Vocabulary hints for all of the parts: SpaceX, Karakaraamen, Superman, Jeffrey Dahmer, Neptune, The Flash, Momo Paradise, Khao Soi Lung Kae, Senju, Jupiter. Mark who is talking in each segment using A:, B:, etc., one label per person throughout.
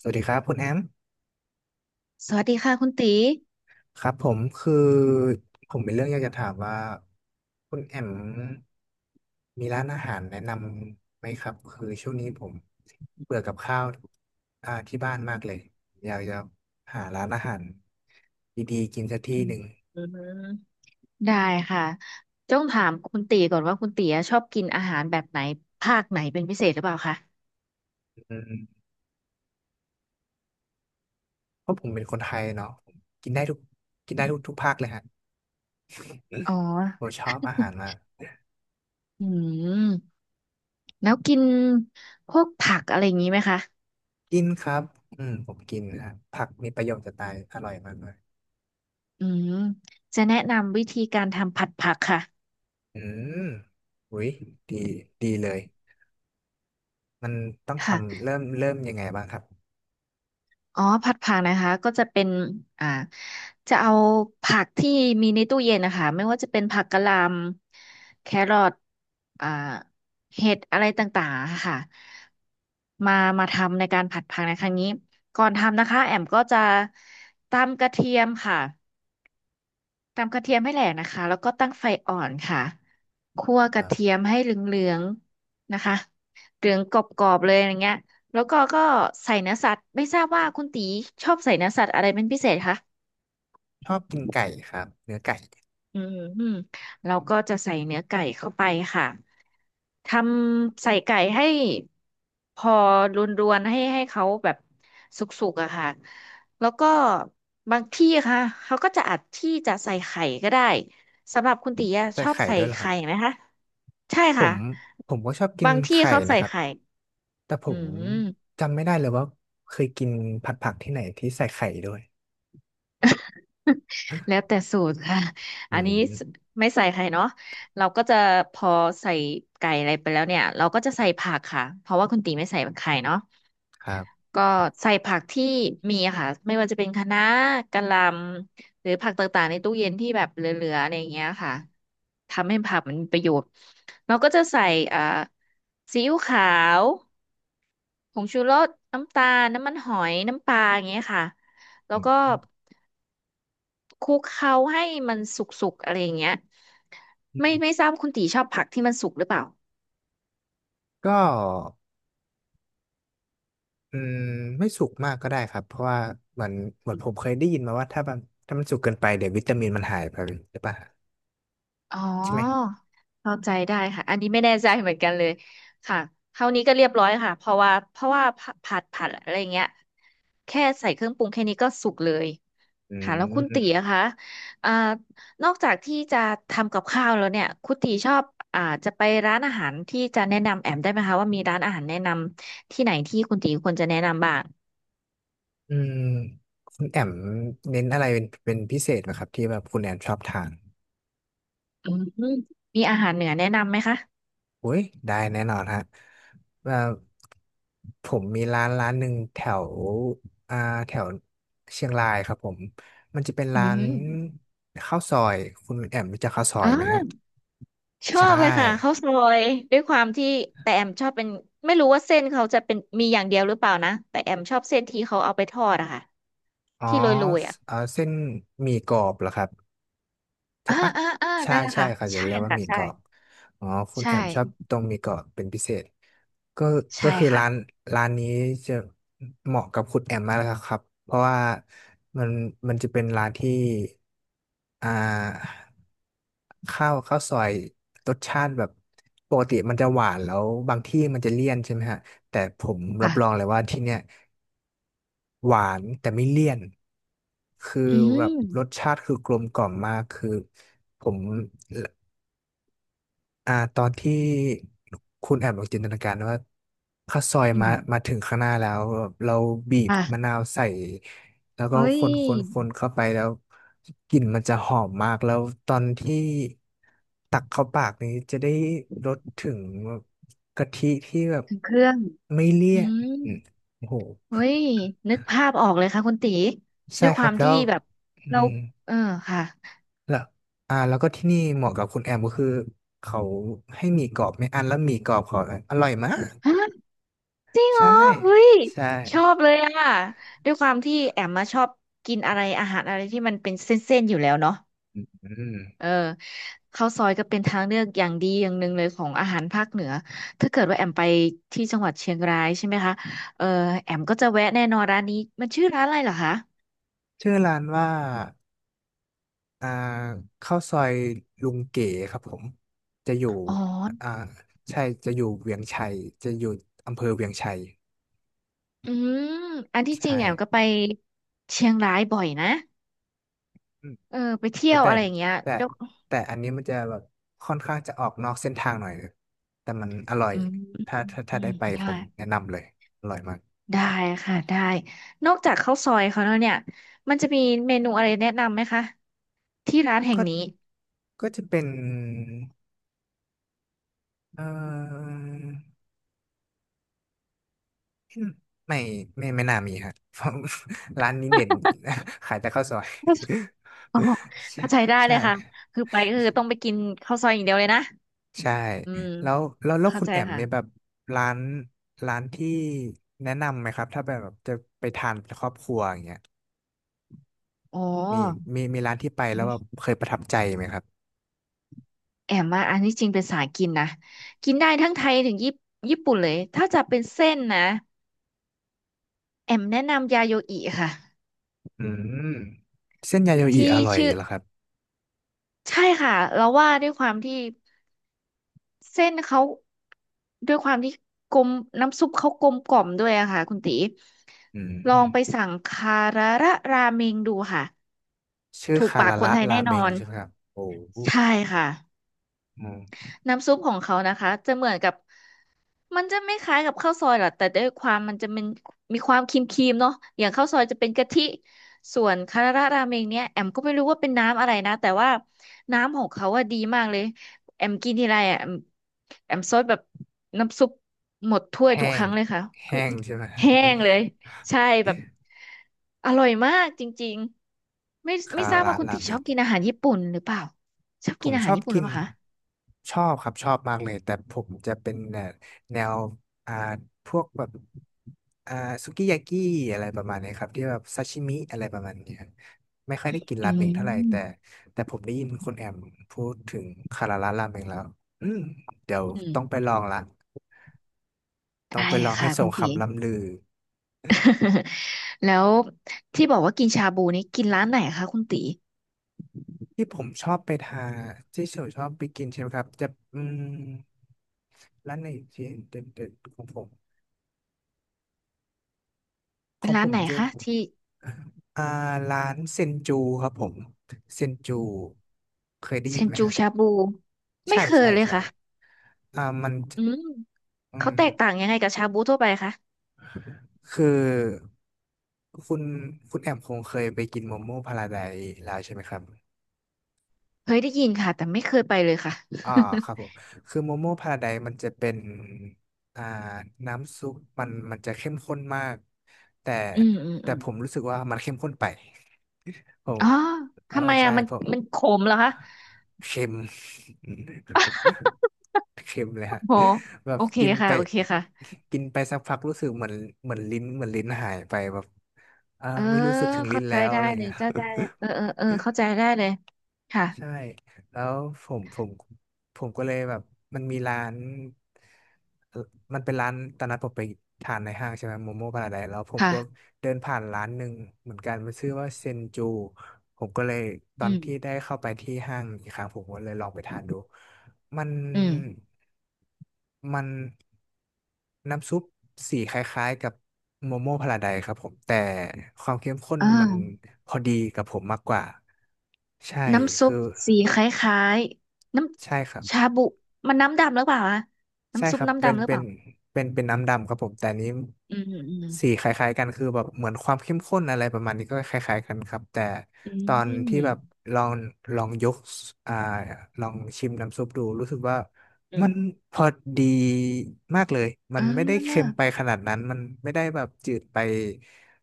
A: สวัสดีครับคุณแอม
B: สวัสดีค่ะคุณตี
A: ครับผมคือผมมีเรื่องอยากจะถามว่าคุณแอมมีร้านอาหารแนะนำไหมครับคือช่วงนี้ผมเบื่อกับข้าวที่บ้านมากเลยอยากจะหาร้านอาหารดีๆกินสักที่
B: อื
A: ห
B: ม
A: นึ่ง
B: อืมได้ค่ะต้องถามคุณตีก่อนว่าคุณตีอะชอบกินอาหารแบบไหนภาคไหนเป็นพิเศษหรือเปล่าคะ
A: อืมเพราะผมเป็นคนไทยเนาะผมกินได้ทุกกินได้ทุกภาคเลยฮะ
B: อ๋อ
A: ผมชอบอาหารมาก
B: อืมแล้วกินพวกผักอะไรอย่างนี้ไหมคะ
A: กินครับอืมผมกินนะฮะผักมีประโยชน์จะตายอร่อยมากเลย
B: อืมจะแนะนำวิธีการทำผัดผักค่ะ
A: อืมอุ้ยดีเลย มันต้องทำ
B: ค่ะ
A: เริ่มยังไงบ้างครับ
B: อ๋อผัดผักนะคะก็จะเป็นอ่าจะเอาผักที่มีในตู้เย็นนะคะไม่ว่าจะเป็นผักกะหล่ำแครอทอ่าเห็ดอะไรต่างๆอะค่ะมามาทำในการผัดผักในครั้งนี้ก่อนทำนะคะแอมก็จะตำกระเทียมค่ะ ตำกระเทียมให้แหลกนะคะแล้วก็ตั้งไฟอ่อนค่ะคั่วก
A: ค
B: ระ
A: รั
B: เที
A: บ
B: ยมให้เหลืองๆนะคะเหลืองกรอบๆเลยอย่างเงี้ยแล้วก็ใส่เนื้อสัตว์ไม่ทราบว่าคุณตีชอบใส่เนื้อสัตว์อะไรเป็นพิเศษคะ
A: ชอบกินไก่ครับเนื้อไก่
B: อืมเราก็จะใส่เนื้อไก่เข้าไปค่ะ ทำใส่ไก่ให้พอรวนๆให้เขาแบบสุกๆอะค่ะแล้วก็บางที่ค่ะเขาก็จะอัดที่จะใส่ไข่ก็ได้สำหรับคุณตีอะ
A: ใส่
B: ชอบ
A: ไข่
B: ใส่
A: ด้วยเหรอครั
B: ไข่
A: บ
B: ไหมคะใช่
A: ผ
B: ค่ะ
A: มผมก็ชอบกิน
B: บางที่
A: ไข่
B: เขา
A: นะ
B: ใส่
A: ครับ
B: ไข่
A: แต่ผ
B: อื
A: ม
B: ม
A: จำไม่ได้เลยว่าเคยกินผัดผักที่ไหนที่ใส่ไข่ด้วย
B: แล้วแต่สูตรค่ะ
A: อื
B: อันนี้
A: ม
B: ไม่ใส่ไข่เนาะเราก็จะพอใส่ไก่อะไรไปแล้วเนี่ยเราก็จะใส่ผักค่ะเพราะว่าคุณตีไม่ใส่ไข่เนาะ
A: ครับ
B: ก็ใส่ผักที่มีอะค่ะไม่ว่าจะเป็นคะน้ากะหล่ำหรือผักต่างๆในตู้เย็นที่แบบเหลือๆอะไรอย่างเงี้ยค่ะทำให้ผักมันมีประโยชน์เราก็จะใส่อ่าซีอิ๊วขาวผงชูรสน้ำตาลน้ำมันหอยน้ำปลาอย่างเงี้ยค่ะแล้ว
A: อื
B: ก็
A: ม
B: คลุกเคล้าให้มันสุกๆอะไรอย่างเงี้ยไม่ทราบคุณตีชอบผักที่มันสุกหรือเปล่า
A: ก็อืมไม่สุกมากก็ได้ครับเพราะว่าเหมือนผมเคยได้ยินมาว่าถ้ามันสุกเกินไปเดี๋ยววิตามินมันหายไปหรือเปล่า
B: อ๋อ
A: ใช่ไหม
B: เข้าใจได้ค่ะอันนี้ไม่แน่ใจเหมือนกันเลยค่ะเท่านี้ก็เรียบร้อยค่ะเพราะว่าผัดอะไรเงี้ยแค่ใส่เครื่องปรุงแค่นี้ก็สุกเลย
A: อื
B: ค่ะแล้วคุณตี
A: ม
B: อะคะอ่านอกจากที่จะทำกับข้าวแล้วเนี่ยคุณตีชอบอ่าจะไปร้านอาหารที่จะแนะนำแอมได้ไหมคะว่ามีร้านอาหารแนะนำที่ไหนที่คุณตีควรจะแนะนำบ้าง
A: อืมคุณแอมเน้นอะไรเป็นพิเศษไหมครับที่แบบคุณแอมชอบทาน
B: อืมมีอาหารเหนือแนะนำไหมคะ
A: อุ้ยได้แน่นอนฮะว่าผมมีร้านหนึ่งแถวอ่าแถวเชียงรายครับผมมันจะเป็น
B: อ
A: ร้าน
B: ื
A: ข้าวซอยคุณแอมรู้จักข้าวซอยไหมฮะ
B: ม ชอ
A: ใช่
B: บเลยค่ะข้าวซอยด้วยความที่แต่แอมชอบเป็นไม่รู้ว่าเส้นเขาจะเป็นมีอย่างเดียวหรือเปล่านะแต่แอมชอบเส้นที่เขาเอาไปทอดอะค่ะ
A: อ๋อ
B: ที่โรยๆอะ
A: เออเส้นหมี่กรอบเหรอครับ ใช่
B: อ่า
A: ปะ
B: อ่าอ่า
A: ใช่
B: นั่นแหละ
A: ใช่
B: ค่ะ
A: เขาจะ
B: ใช่
A: เรียกว่า
B: ค่ะ
A: หมี่กรอบอ๋อคุณ
B: ใช่
A: แอมชอบตรงหมี่กรอบเป็นพิเศษก็
B: ใช่
A: คือ
B: ค่ะ
A: ร้านนี้จะเหมาะกับคุณแอมมากเลยครับเพราะว่ามันจะเป็นร้านที่อ่าข้าวซอยรสชาติแบบปกติมันจะหวานแล้วบางที่มันจะเลี่ยนใช่ไหมฮะแต่ผมรับรองเล
B: ค่ะ
A: ยว่าที่เนี้ย หวานแต่ไม่เลี่ยนคือ
B: อื
A: แบบรส
B: ม
A: ชาติคือกลมกล่อมมากคือผมตอนที่คุณแอบลองจินตนาการว่าข้าวซอย
B: อื
A: มา
B: ม
A: ถึงข้างหน้าแล้วแบบเราบีบ
B: อ่ะ
A: มะนาวใส่แล้วก็
B: เฮ้
A: ค
B: ย
A: นเข้าไปแล้วกลิ่นมันจะหอมมากแล้วตอนที่ตักเข้าปากนี้จะได้รสถึงกะทิที่แบบ
B: ถึงเครื่อง
A: ไม่เลี่
B: อื
A: ยน
B: ม
A: อืมโอ้โห
B: เฮ้ยนึกภาพออกเลยค่ะคุณตีด้
A: ใช่
B: วย
A: ค
B: ค
A: รั
B: วา
A: บ
B: ม
A: แล้
B: ที่
A: ว
B: แบบ
A: อื
B: เรา
A: ม
B: เออค่ะ
A: แล้วแล้วก็ที่นี่เหมาะกับคุณแอมก็คือเขาให้หมี่กรอบไม่อั้นแล้วหมี่กรอบเขาอร่อยมาก
B: จริงเหร
A: ใช่
B: อเฮ้ย
A: ใช่
B: ชอบเลยอ่ะด้วยความที่แอมมาชอบกินอะไรอาหารอะไรที่มันเป็นเส้นๆอยู่แล้วเนาะ
A: อืม
B: เออข้าวซอยก็เป็นทางเลือกอย่างดีอย่างหนึ่งเลยของอาหารภาคเหนือถ้าเกิดว่าแอมไปที่จังหวัดเชียงรายใช่ไหมคะเออแอมก็จะแวะแน่นอนร้านนี้มันชื่อร้านอะไรเหรอคะ
A: ชื่อร้านว่าอ่าข้าวซอยลุงเก๋ครับผมจะอยู่
B: อ๋อ
A: อ่าใช่จะอยู่เวียงชัยจะอยู่อำเภอเวียงชัย
B: อืมอันที่จริง
A: ใช่
B: แอมก็ไปเชียงรายบ่อยนะ
A: อืม
B: เออไปเที่
A: โอ้
B: ยว
A: แต่
B: อะไรอย่างเงี้ย
A: แต่
B: ยก
A: อันนี้มันจะแบบค่อนข้างจะออกนอกเส้นทางหน่อยแต่มันอร่อย
B: อืมอื
A: ถ้า
B: ม
A: ได้ไป
B: ได้
A: ผมแนะนำเลยอร่อยมาก
B: ได้ค่ะได้นอกจากข้าวซอยเขาแล้วเนี่ยมันจะมีเมนูอะไรแนะนำไหมคะที่ร้านแห่ง
A: ก็
B: นี้
A: ก็จะเป็นเอ่อไม่ไม่ไม่น่ามีฮะเพราะ ร้านนี้เด่น ขายแต่ข้าวซอย
B: อ๋อ
A: ใช่
B: เข้าใจได้เล
A: ใช่
B: ยค่ะคือไปก็คือต้องไปกินข้าวซอยอย่างเดียวเลยนะ
A: ใช่
B: อืม
A: แล้วแล้ว
B: เข้า
A: คุณ
B: ใจ
A: แอม
B: ค่ะ
A: มีแบบร้านที่แนะนำไหมครับ ถ้าแบบจะไปทานเป็ครอบครัวอย่างเงี้ย
B: อ๋อ
A: มีมีร้านที่ไปแล้วแบบเคยประทับใจไหมครับ
B: แอมมาอันนี้จริงเป็นสายกินนะกินได้ทั้งไทยถึงญี่ปุ่นเลยถ้าจะเป็นเส้นนะแอมแนะนำยาโยอิค่ะ
A: อืมเส้นยาโยอิอ
B: ที่
A: ร่อย
B: ชื่อ
A: เหรอครับ
B: ใช่ค่ะเราว่าด้วยความที่ เส้นเขาด้วยความที่กลมน้ำซุปเขากลมกล่อมด้วยอะค่ะคุณตี
A: อื
B: ลองไป
A: ม
B: สั่งคาราระราเมงดูค่ะ
A: ชื่อ
B: ถูก
A: คา
B: ปาก
A: รา
B: คน
A: ระ
B: ไทย
A: รา
B: แน่
A: เม
B: นอ
A: ง
B: น
A: ใช่ไหมครับโอ้โห
B: ใช่ค่ะ
A: อืม
B: น้ำซุปของเขานะคะจะเหมือนกับ มันจะไม่คล้ายกับข้าวซอยหรอกแต่ด้วยความมันจะเป็นมีความครีมๆเนาะอย่างข้าวซอยจะเป็นกะทิส่วนคาราราเมงเนี่ยแอมก็ไม่รู้ว่าเป็นน้ำอะไรนะแต่ว่าน้ำของเขาอะดีมากเลยแอมกินทีไรอะแอมซดแบบน้ำซุปหมดถ้วยทุก
A: แห้
B: ค
A: ง
B: รั้งเลยค่ะคือ
A: ใช่ไหม
B: แห้งเลยใช่แบบอร่อยมากจริงๆไม่ ไม่
A: คารา
B: ทราบ
A: ระ
B: ว่าคุณ
A: รา
B: ติ
A: เม
B: ชอบ
A: ง
B: กินอาหารญี่ปุ่นหรือเปล่าชอบ
A: ผ
B: กิน
A: ม
B: อา
A: ช
B: หาร
A: อบ
B: ญี่ปุ่นห
A: กิ
B: รือ
A: น
B: เปล่าคะ
A: ชอบครับชอบมากเลยแต่ผมจะเป็นแนวแนวอ่าพวกแบบอ่าสุกิยากิอะไรประมาณนี้ครับที่แบบซาชิมิอะไรประมาณนี้ครับไม่ค่อยได้กินรา
B: อื
A: เมงเท่าไหร่แต่
B: ม
A: ผมได้ยินคุณแอมพูดถึงคาราระราเมงแล้วอืมเดี๋ยว
B: อืม
A: ต้องไปลองละต้
B: ได้
A: องไป
B: เล
A: ล
B: ย
A: องให้
B: ค่ะ
A: ส
B: คุ
A: ม
B: ณติ
A: คำล่ำลือ
B: แล้วที่บอกว่ากินชาบูนี่กินร้านไหนคะคุณตี
A: ที่ผมชอบไปทานที่เฉยชอบไปกินใช่ไหมครับจะอืมร้านไหนที่เด่นๆของผมข
B: เป็น
A: องผ
B: ร้าน
A: ม
B: ไหน
A: จะ
B: คะที่
A: อ่าร้านเซนจูครับผมเซนจูเคยได้
B: เซ
A: ยิน
B: น
A: ไหม
B: จู
A: ฮะ
B: ชาบูไม่
A: ใช่
B: เคย
A: ใช่
B: เลย
A: ใช่
B: ค่ะ
A: มันจะ
B: อืม
A: อื
B: เขา
A: ม
B: แตกต่างยังไงกับชาบูทั่วไปคะ
A: คือคุณแอมคงเคยไปกินโมโม่พาราไดซ์แล้วใช่ไหมครับ
B: เคยได้ยินค่ะแต่ไม่เคยไปเลยค่ะ
A: อ่าครับผมคือโมโม่พาราไดมันจะเป็นอ่าน้ำซุปมันจะเข้มข้นมากแต่
B: อืมอืมอืม
A: ผมรู้สึกว่ามันเข้มข้นไปผม
B: อ๋อ
A: เออ
B: ทำไม
A: ใช่
B: อ่ะมัน
A: ผม
B: มันขมเหรอคะ
A: เค็ม เค็มเลยฮะ
B: โห
A: แบ
B: โอ
A: บ
B: เค
A: กิน
B: ค่ะ
A: ไป
B: โอเคค่ะ
A: สักพักรู้สึกเหมือนเหมือนลิ้นหายไปแบบ
B: เออ
A: ไม่รู้สึกถึงลิ้
B: เข้า
A: น
B: ใจ
A: แล้ว
B: ได้
A: อะไร
B: เลย
A: เงี้ย
B: เจ้าได้เออเออเออเข้าใจได้เลยค่ะ
A: ใช่แล้วผมผมก็เลยแบบมันมีร้านเอ่อมันเป็นร้านตอนนั้นผมไปทานในห้างใช่ไหมโมโม่พาราไดแล้วผมก็
B: ค่ะ
A: เดินผ่านร้านหนึ่งเหมือนกันมันชื่อว่าเซนจูผมก็เลยตอ
B: อื
A: น
B: ม
A: ที่ได้เข้าไปที่ห้างอีกครั้งผมก็เลยลองไปทานดูมัน
B: อืม
A: มันน้ำซุปสีคล้ายๆกับโมโม่พาราไดครับผมแต่ความเข้มข้น
B: อ
A: มัน
B: ่า
A: พอดีกับผมมากกว่าใช่
B: น้ำซุป
A: คือ
B: สีคล้ายๆน้
A: ใช่ครับ
B: ำชาบุมันน้ำดำหรือเปล่าอะ
A: ใช่
B: น้ำซุ
A: ค
B: ป
A: รับ
B: น้ำ
A: เป็น
B: ดำหรือเปล่า
A: น้ำดำครับผม แต่อันนี้
B: อืมอืม
A: สีคล้ายๆกันคือแบบเหมือนความเข้มข้นอะไรประมาณนี้ก็คล้ายๆกันครับแต่
B: อืม
A: ตอน
B: อื
A: ที่
B: ม
A: แบบลองลองยกอ่าลองชิมน้ำซุปดูรู้สึกว่า
B: อืม
A: มันพอดีมากเลย
B: เ
A: มันไม่ได้เค็ม
B: ออ
A: ไปขนาดนั้นมันไม่ได้แบบจืดไป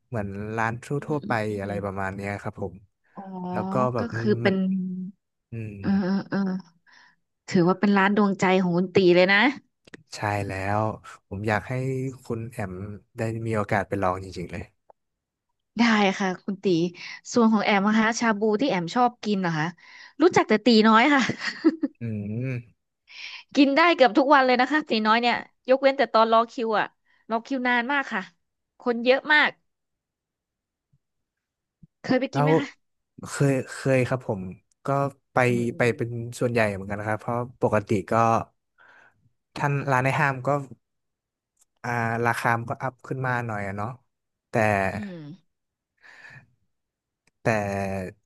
A: เหมือนร้านท
B: อื
A: ั่
B: ม
A: วๆ
B: อื
A: ไป
B: มอื
A: อะไร
B: ม
A: ประมาณเนี้ยครับผม
B: อ๋อ
A: แล้วก็แบบ
B: ก็
A: มัน
B: คือเป็น
A: อืม
B: เออเออเออถือว่าเป็นร้านดวงใจของคุณตีเลยนะ
A: ใช่แล้วผมอยากให้คุณแอมได้มีโอกาสไปลองจริงๆเลย
B: ได้ค่ะคุณตีส่วนของแอมนะคะชาบูที่แอมชอบกินเหรอคะรู้จักแต่ตีน้อยค่ะ
A: อืม
B: กินได้เกือบทุกวันเลยนะคะตีน้อยเนี่ยยกเว้นแต่ตอนรอคิวอะรอคิวนานมากค่ะคนเยอะมากเคยไป
A: แล้
B: กินไห
A: ว
B: มคะ
A: เคยครับผมก็ไป
B: อืมอืม
A: เป็นส่วนใหญ่เหมือนกันนะครับเพราะปกติก็ท่านร้านในห้างก็อ่าราคามันก็อัพขึ้นมาหน่อยอะเนาะแต่
B: อืม
A: แต่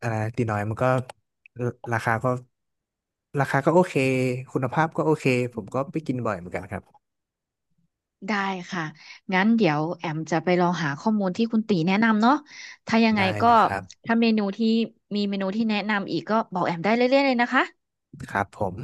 A: อ่าตีน้อยมันก็ราคาก็ราคาก็โอเคคุณภาพก็โอเคผมก็ไปกินบ่อยเหมือนกันครับ
B: ได้ค่ะงั้นเดี๋ยวแอมจะไปลองหาข้อมูลที่คุณตีแนะนำเนาะถ้ายังไง
A: ได้
B: ก็
A: เลยครับ
B: ถ้าเมนูที่มีเมนูที่แนะนำอีกก็บอกแอมได้เรื่อยๆเลยนะคะ
A: ครับผม